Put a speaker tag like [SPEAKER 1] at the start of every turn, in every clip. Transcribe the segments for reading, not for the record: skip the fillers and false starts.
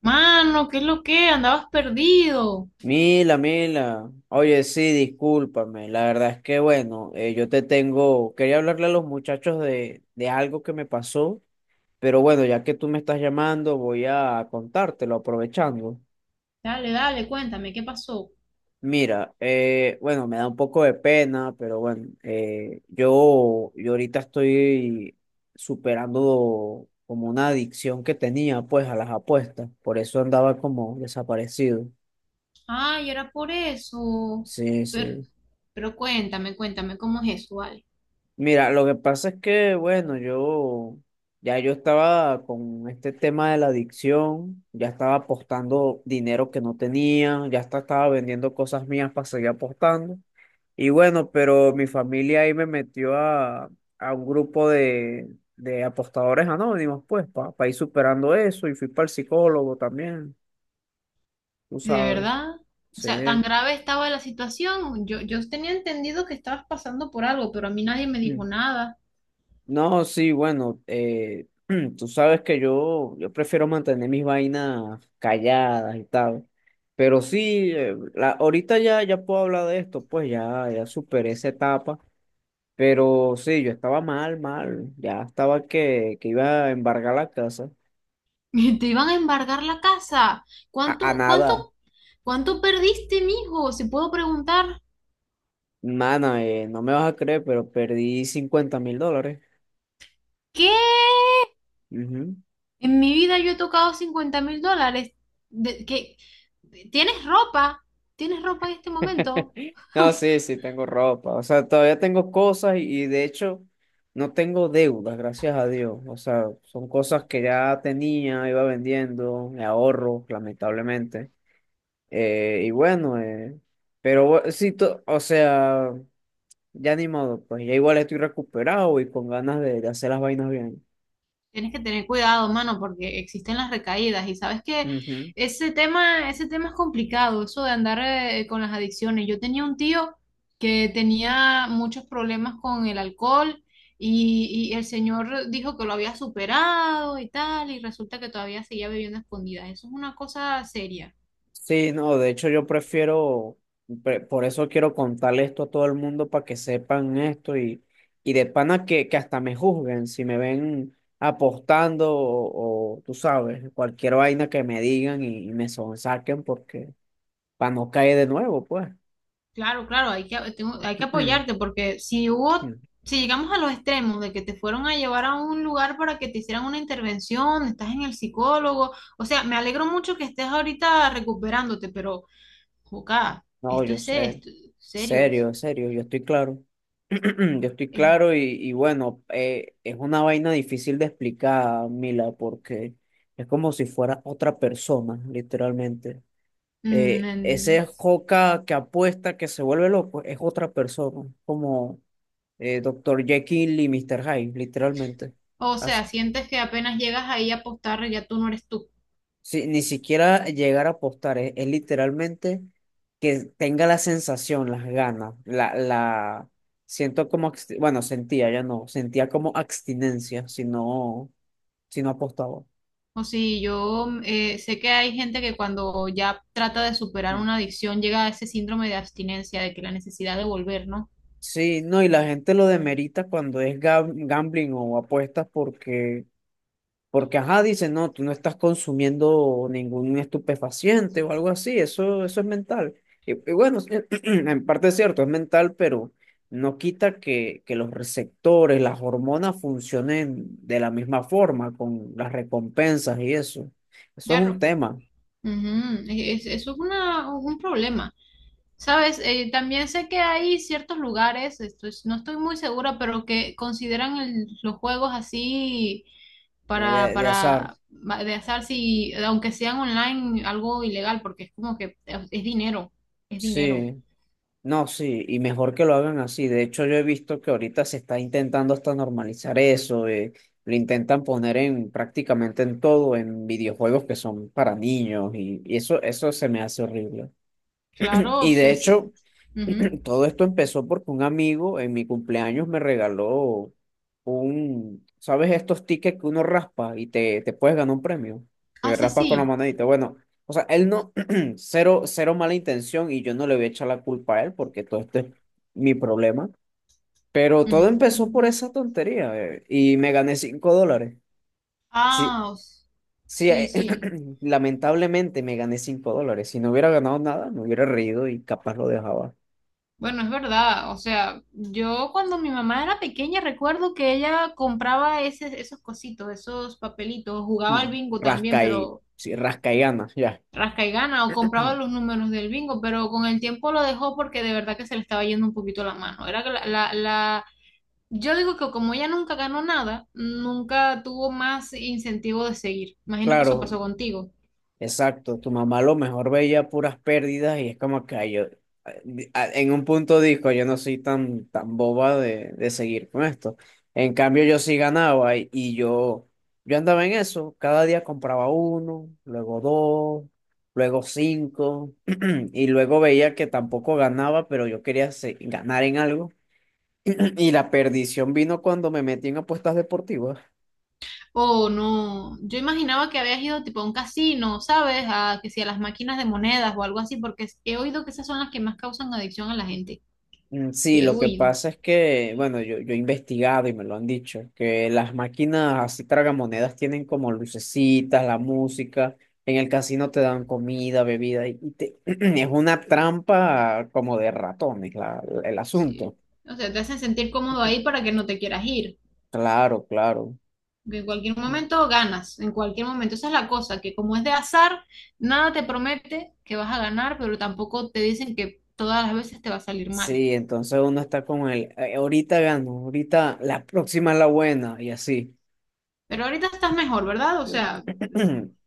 [SPEAKER 1] Mano, ¿qué es lo que? Andabas perdido.
[SPEAKER 2] Mila, Mila, oye, sí, discúlpame, la verdad es que yo quería hablarle a los muchachos de algo que me pasó, pero bueno, ya que tú me estás llamando, voy a contártelo aprovechando.
[SPEAKER 1] Dale, dale, cuéntame, ¿qué pasó?
[SPEAKER 2] Mira, me da un poco de pena, pero bueno, yo ahorita estoy superando como una adicción que tenía pues a las apuestas, por eso andaba como desaparecido.
[SPEAKER 1] Ay, era por eso.
[SPEAKER 2] Sí,
[SPEAKER 1] Pero,
[SPEAKER 2] sí.
[SPEAKER 1] pero cuéntame, cuéntame, ¿cómo es eso, vale?
[SPEAKER 2] Mira, lo que pasa es que, bueno, yo estaba con este tema de la adicción, ya estaba apostando dinero que no tenía, ya hasta estaba vendiendo cosas mías para seguir apostando. Y bueno, pero mi familia ahí me metió a un grupo de apostadores anónimos, pues, para ir superando eso. Y fui para el psicólogo también, tú
[SPEAKER 1] ¿De
[SPEAKER 2] sabes.
[SPEAKER 1] verdad? O sea, ¿tan
[SPEAKER 2] Sí.
[SPEAKER 1] grave estaba la situación? Yo tenía entendido que estabas pasando por algo, pero a mí nadie me dijo nada.
[SPEAKER 2] No, sí, bueno, tú sabes que yo prefiero mantener mis vainas calladas y tal, pero sí, ahorita ya puedo hablar de esto, pues ya superé esa etapa, pero sí, yo estaba mal, mal, ya estaba que iba a embargar la casa,
[SPEAKER 1] Te iban a embargar la casa.
[SPEAKER 2] a
[SPEAKER 1] ¿Cuánto, cuánto,
[SPEAKER 2] nada,
[SPEAKER 1] cuánto perdiste, mijo? Si puedo preguntar.
[SPEAKER 2] mana, no me vas a creer, pero perdí $50.000.
[SPEAKER 1] ¿Qué? En mi vida yo he tocado $50.000. Que, ¿tienes ropa? ¿Tienes ropa en este momento?
[SPEAKER 2] No, sí, sí, tengo ropa. O sea, todavía tengo cosas y de hecho no tengo deudas, gracias a Dios. O sea, son cosas que ya tenía, iba vendiendo, me ahorro, lamentablemente. Eh, y bueno, eh, o sea, ya ni modo, pues ya igual estoy recuperado y con ganas de hacer las vainas bien.
[SPEAKER 1] Tienes que tener cuidado, mano, porque existen las recaídas y sabes que ese tema es complicado, eso de andar con las adicciones. Yo tenía un tío que tenía muchos problemas con el alcohol y el señor dijo que lo había superado y tal, y resulta que todavía seguía bebiendo a escondidas. Eso es una cosa seria.
[SPEAKER 2] Sí, no, de hecho por eso quiero contarle esto a todo el mundo para que sepan esto y de pana que hasta me juzguen si me ven apostando tú sabes, cualquier vaina que me digan y me sonsaquen porque para no caer de nuevo, pues.
[SPEAKER 1] Claro, claro, hay que, hay que apoyarte porque si hubo, si llegamos a los extremos de que te fueron a llevar a un lugar para que te hicieran una intervención, estás en el psicólogo, o sea, me alegro mucho que estés ahorita recuperándote, pero, joca,
[SPEAKER 2] No,
[SPEAKER 1] esto
[SPEAKER 2] yo
[SPEAKER 1] es se-
[SPEAKER 2] sé.
[SPEAKER 1] esto- serio.
[SPEAKER 2] Serio, serio, yo estoy claro. Yo estoy
[SPEAKER 1] Eh,
[SPEAKER 2] claro y bueno, es una vaina difícil de explicar, Mila, porque es como si fuera otra persona, literalmente.
[SPEAKER 1] mm, en-
[SPEAKER 2] Ese Joca que apuesta, que se vuelve loco, es otra persona, como Dr. Jekyll y Mister Hyde, literalmente.
[SPEAKER 1] o sea, sientes que apenas llegas ahí a apostar, ya tú no eres tú.
[SPEAKER 2] Sí, ni siquiera llegar a apostar, es literalmente que tenga la sensación, las ganas, siento como, sentía, ya no, sentía como abstinencia si no apostaba.
[SPEAKER 1] O si yo sé que hay gente que cuando ya trata de superar
[SPEAKER 2] Mm.
[SPEAKER 1] una adicción llega a ese síndrome de abstinencia, de que la necesidad de volver, ¿no?
[SPEAKER 2] Sí, no, y la gente lo demerita cuando es gambling o apuestas porque porque, ajá, dice, no, tú no estás consumiendo ningún estupefaciente o algo así, eso es mental. Sí, en parte es cierto, es mental, pero no quita que los receptores, las hormonas funcionen de la misma forma, con las recompensas y eso. Eso es un
[SPEAKER 1] Ya
[SPEAKER 2] tema
[SPEAKER 1] Ujú, Eso es un problema. Sabes, también sé que hay ciertos lugares, no estoy muy segura, pero que consideran los juegos así para,
[SPEAKER 2] de azar.
[SPEAKER 1] para de azar, si, aunque sean online, algo ilegal, porque es como que es dinero, es dinero.
[SPEAKER 2] Sí. No, sí, y mejor que lo hagan así. De hecho, yo he visto que ahorita se está intentando hasta normalizar eso. Lo intentan poner en prácticamente en todo, en videojuegos que son para niños, y eso se me hace horrible.
[SPEAKER 1] Claro,
[SPEAKER 2] Y de
[SPEAKER 1] es-
[SPEAKER 2] hecho,
[SPEAKER 1] ujú.
[SPEAKER 2] todo esto empezó porque un amigo en mi cumpleaños me regaló un, ¿sabes? Estos tickets que uno raspa y te puedes ganar un premio,
[SPEAKER 1] Ah,
[SPEAKER 2] que
[SPEAKER 1] sí,
[SPEAKER 2] raspas con la
[SPEAKER 1] sí.
[SPEAKER 2] manadita. Bueno, o sea, él no, cero, cero mala intención y yo no le voy a echar la culpa a él porque todo esto es mi problema. Pero todo
[SPEAKER 1] Ujú.
[SPEAKER 2] empezó por esa tontería y me gané $5. Sí,
[SPEAKER 1] Ah, o s-
[SPEAKER 2] sí,
[SPEAKER 1] sí, sí.
[SPEAKER 2] lamentablemente me gané $5. Si no hubiera ganado nada, me hubiera reído y capaz lo dejaba.
[SPEAKER 1] Bueno, es verdad, o sea, yo cuando mi mamá era pequeña recuerdo que ella compraba esos cositos, esos papelitos, jugaba
[SPEAKER 2] Mm.
[SPEAKER 1] al bingo también,
[SPEAKER 2] Rasca y,
[SPEAKER 1] pero
[SPEAKER 2] sí, rasca y gana, ya.
[SPEAKER 1] rasca y gana, o compraba los números del bingo, pero con el tiempo lo dejó porque de verdad que se le estaba yendo un poquito la mano. Era que yo digo que como ella nunca ganó nada, nunca tuvo más incentivo de seguir. Imagino que eso
[SPEAKER 2] Claro,
[SPEAKER 1] pasó contigo.
[SPEAKER 2] exacto. Tu mamá a lo mejor veía puras pérdidas y es como que ay, yo, en un punto dijo, yo no soy tan, tan boba de seguir con esto. En cambio, yo sí ganaba y yo andaba en eso. Cada día compraba uno, luego dos, luego cinco y luego veía que tampoco ganaba, pero yo quería ganar en algo. Y la perdición vino cuando me metí en apuestas deportivas.
[SPEAKER 1] Oh, no. Yo imaginaba que habías ido tipo a un casino, ¿sabes? A que si a las máquinas de monedas o algo así, porque he oído que esas son las que más causan adicción a la gente.
[SPEAKER 2] Mm. Sí,
[SPEAKER 1] He
[SPEAKER 2] lo que
[SPEAKER 1] oído.
[SPEAKER 2] pasa es que, bueno, yo he investigado y me lo han dicho, que las máquinas así tragamonedas tienen como lucecitas, la música, en el casino te dan comida, bebida, es una trampa como de ratones el
[SPEAKER 1] Sí.
[SPEAKER 2] asunto.
[SPEAKER 1] O sea, te hacen sentir cómodo ahí para que no te quieras ir.
[SPEAKER 2] Claro, claro.
[SPEAKER 1] Que en cualquier
[SPEAKER 2] Mm.
[SPEAKER 1] momento ganas, en cualquier momento. Esa es la cosa, que como es de azar, nada te promete que vas a ganar, pero tampoco te dicen que todas las veces te va a salir mal.
[SPEAKER 2] Sí, entonces uno está con el, ahorita gano, ahorita la próxima es la buena, y así.
[SPEAKER 1] Pero ahorita estás mejor, ¿verdad? O sea,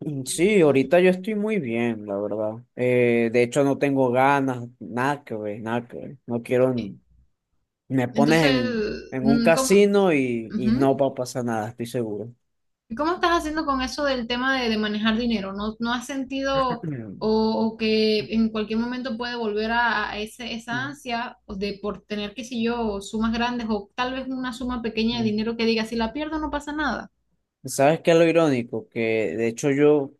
[SPEAKER 2] Mm. Sí, ahorita yo estoy muy bien, la verdad. De hecho, no tengo ganas, nada que ver, nada que ver. No quiero,
[SPEAKER 1] eh,
[SPEAKER 2] me pones
[SPEAKER 1] entonces,
[SPEAKER 2] en un
[SPEAKER 1] ¿cómo?
[SPEAKER 2] casino y
[SPEAKER 1] Ujú.
[SPEAKER 2] no va a pasar nada, estoy seguro.
[SPEAKER 1] ¿Y cómo estás haciendo con eso del tema de manejar dinero? ¿No, no has sentido o que en cualquier momento puede volver a ese, esa
[SPEAKER 2] Mm,
[SPEAKER 1] ansia de por tener, qué sé yo, sumas grandes o tal vez una suma pequeña de
[SPEAKER 2] mm.
[SPEAKER 1] dinero que diga, si la pierdo no pasa nada?
[SPEAKER 2] ¿Sabes qué es lo irónico? Que de hecho yo,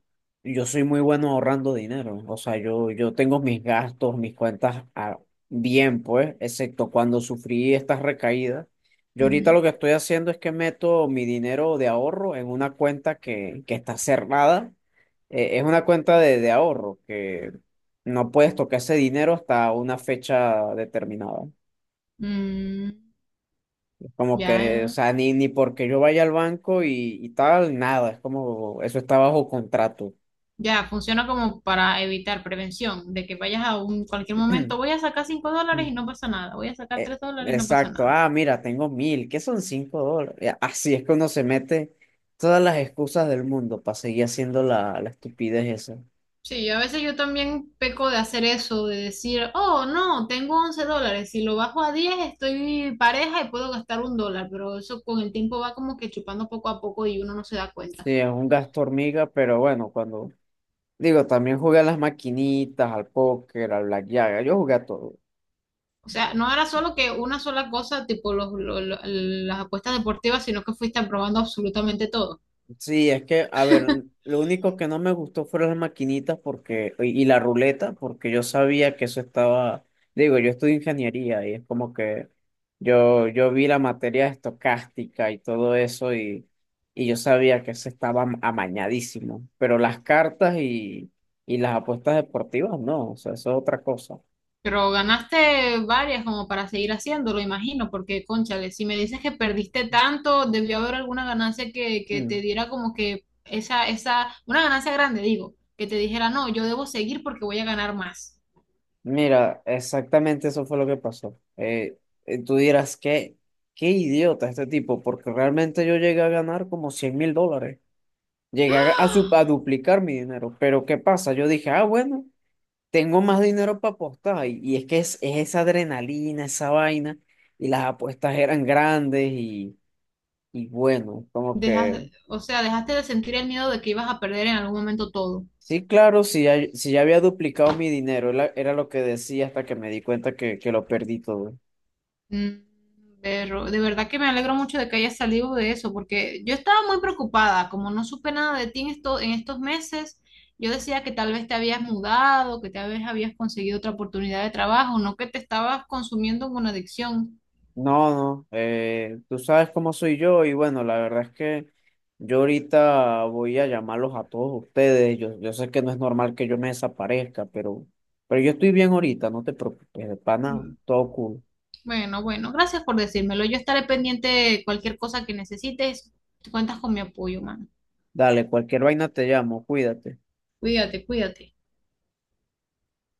[SPEAKER 2] yo soy muy bueno ahorrando dinero. O sea, yo tengo mis gastos, mis bien, pues, excepto cuando sufrí estas recaídas. Yo ahorita
[SPEAKER 1] Ujú.
[SPEAKER 2] lo que estoy haciendo es que meto mi dinero de ahorro en una cuenta que está cerrada. Es una cuenta de ahorro que no puedes tocar ese dinero hasta una fecha determinada.
[SPEAKER 1] Mm,
[SPEAKER 2] Como que, o
[SPEAKER 1] ya,
[SPEAKER 2] sea, ni porque yo vaya al banco y tal, nada, es como, eso está bajo contrato.
[SPEAKER 1] ya, funciona como para evitar prevención, de que vayas a un cualquier momento, voy a sacar $5
[SPEAKER 2] Mm.
[SPEAKER 1] y no pasa nada, voy a sacar
[SPEAKER 2] Eh,
[SPEAKER 1] $3 y no pasa
[SPEAKER 2] exacto,
[SPEAKER 1] nada.
[SPEAKER 2] ah, mira, tengo 1.000, ¿qué son $5? Ya, así es que uno se mete todas las excusas del mundo para seguir haciendo la estupidez esa.
[SPEAKER 1] Sí, a veces yo también peco de hacer eso, de decir, oh, no, tengo $11, si lo bajo a 10, estoy pareja y puedo gastar $1, pero eso con el tiempo va como que chupando poco a poco y uno no se da cuenta.
[SPEAKER 2] Sí, es un gasto hormiga, pero bueno, cuando, digo, también jugué a las maquinitas, al póker, al blackjack, yo jugué a todo.
[SPEAKER 1] O sea, no era solo que una sola cosa, tipo las apuestas deportivas, sino que fuiste probando absolutamente todo.
[SPEAKER 2] Sí, es que, a ver, lo único que no me gustó fueron las maquinitas porque, y la ruleta, porque yo sabía que eso estaba, digo, yo estudio ingeniería y es como que yo vi la materia estocástica y todo eso y yo sabía que eso estaba amañadísimo, pero las cartas y las apuestas deportivas no, o sea, eso es otra cosa.
[SPEAKER 1] Pero ganaste varias como para seguir haciéndolo, imagino, porque, cónchale, si me dices que perdiste tanto, debió haber alguna ganancia que te
[SPEAKER 2] Mm.
[SPEAKER 1] diera como que una ganancia grande, digo, que te dijera, no, yo debo seguir porque voy a ganar más.
[SPEAKER 2] Mira, exactamente eso fue lo que pasó. Tú dirás, ¿qué, qué idiota este tipo? Porque realmente yo llegué a ganar como $100.000. Llegué a, a duplicar mi dinero. Pero ¿qué pasa? Yo dije, ah, bueno, tengo más dinero para apostar. Es que es esa adrenalina, esa vaina. Y las apuestas eran grandes y bueno, como
[SPEAKER 1] Dejas,
[SPEAKER 2] que...
[SPEAKER 1] o sea, dejaste de sentir el miedo de que ibas a perder en algún momento todo.
[SPEAKER 2] Sí, claro, si ya había duplicado mi dinero, era lo que decía hasta que me di cuenta que lo perdí todo.
[SPEAKER 1] Mm, Pero de verdad que me alegro mucho de que hayas salido de eso, porque yo estaba muy preocupada, como no supe nada de ti en esto, en estos meses, yo decía que tal vez te habías mudado, que tal vez habías conseguido otra oportunidad de trabajo, no que te estabas consumiendo en una adicción.
[SPEAKER 2] No, no, tú sabes cómo soy yo y bueno, la verdad es que yo ahorita voy a llamarlos a todos ustedes. Yo sé que no es normal que yo me desaparezca, pero yo estoy bien ahorita, no te preocupes, de pana,
[SPEAKER 1] Mm,
[SPEAKER 2] todo cool.
[SPEAKER 1] Bueno, bueno, gracias por decírmelo. Yo estaré pendiente de cualquier cosa que necesites. Cuentas con mi apoyo, mano.
[SPEAKER 2] Dale, cualquier vaina te llamo, cuídate.
[SPEAKER 1] Cuídate, cuídate.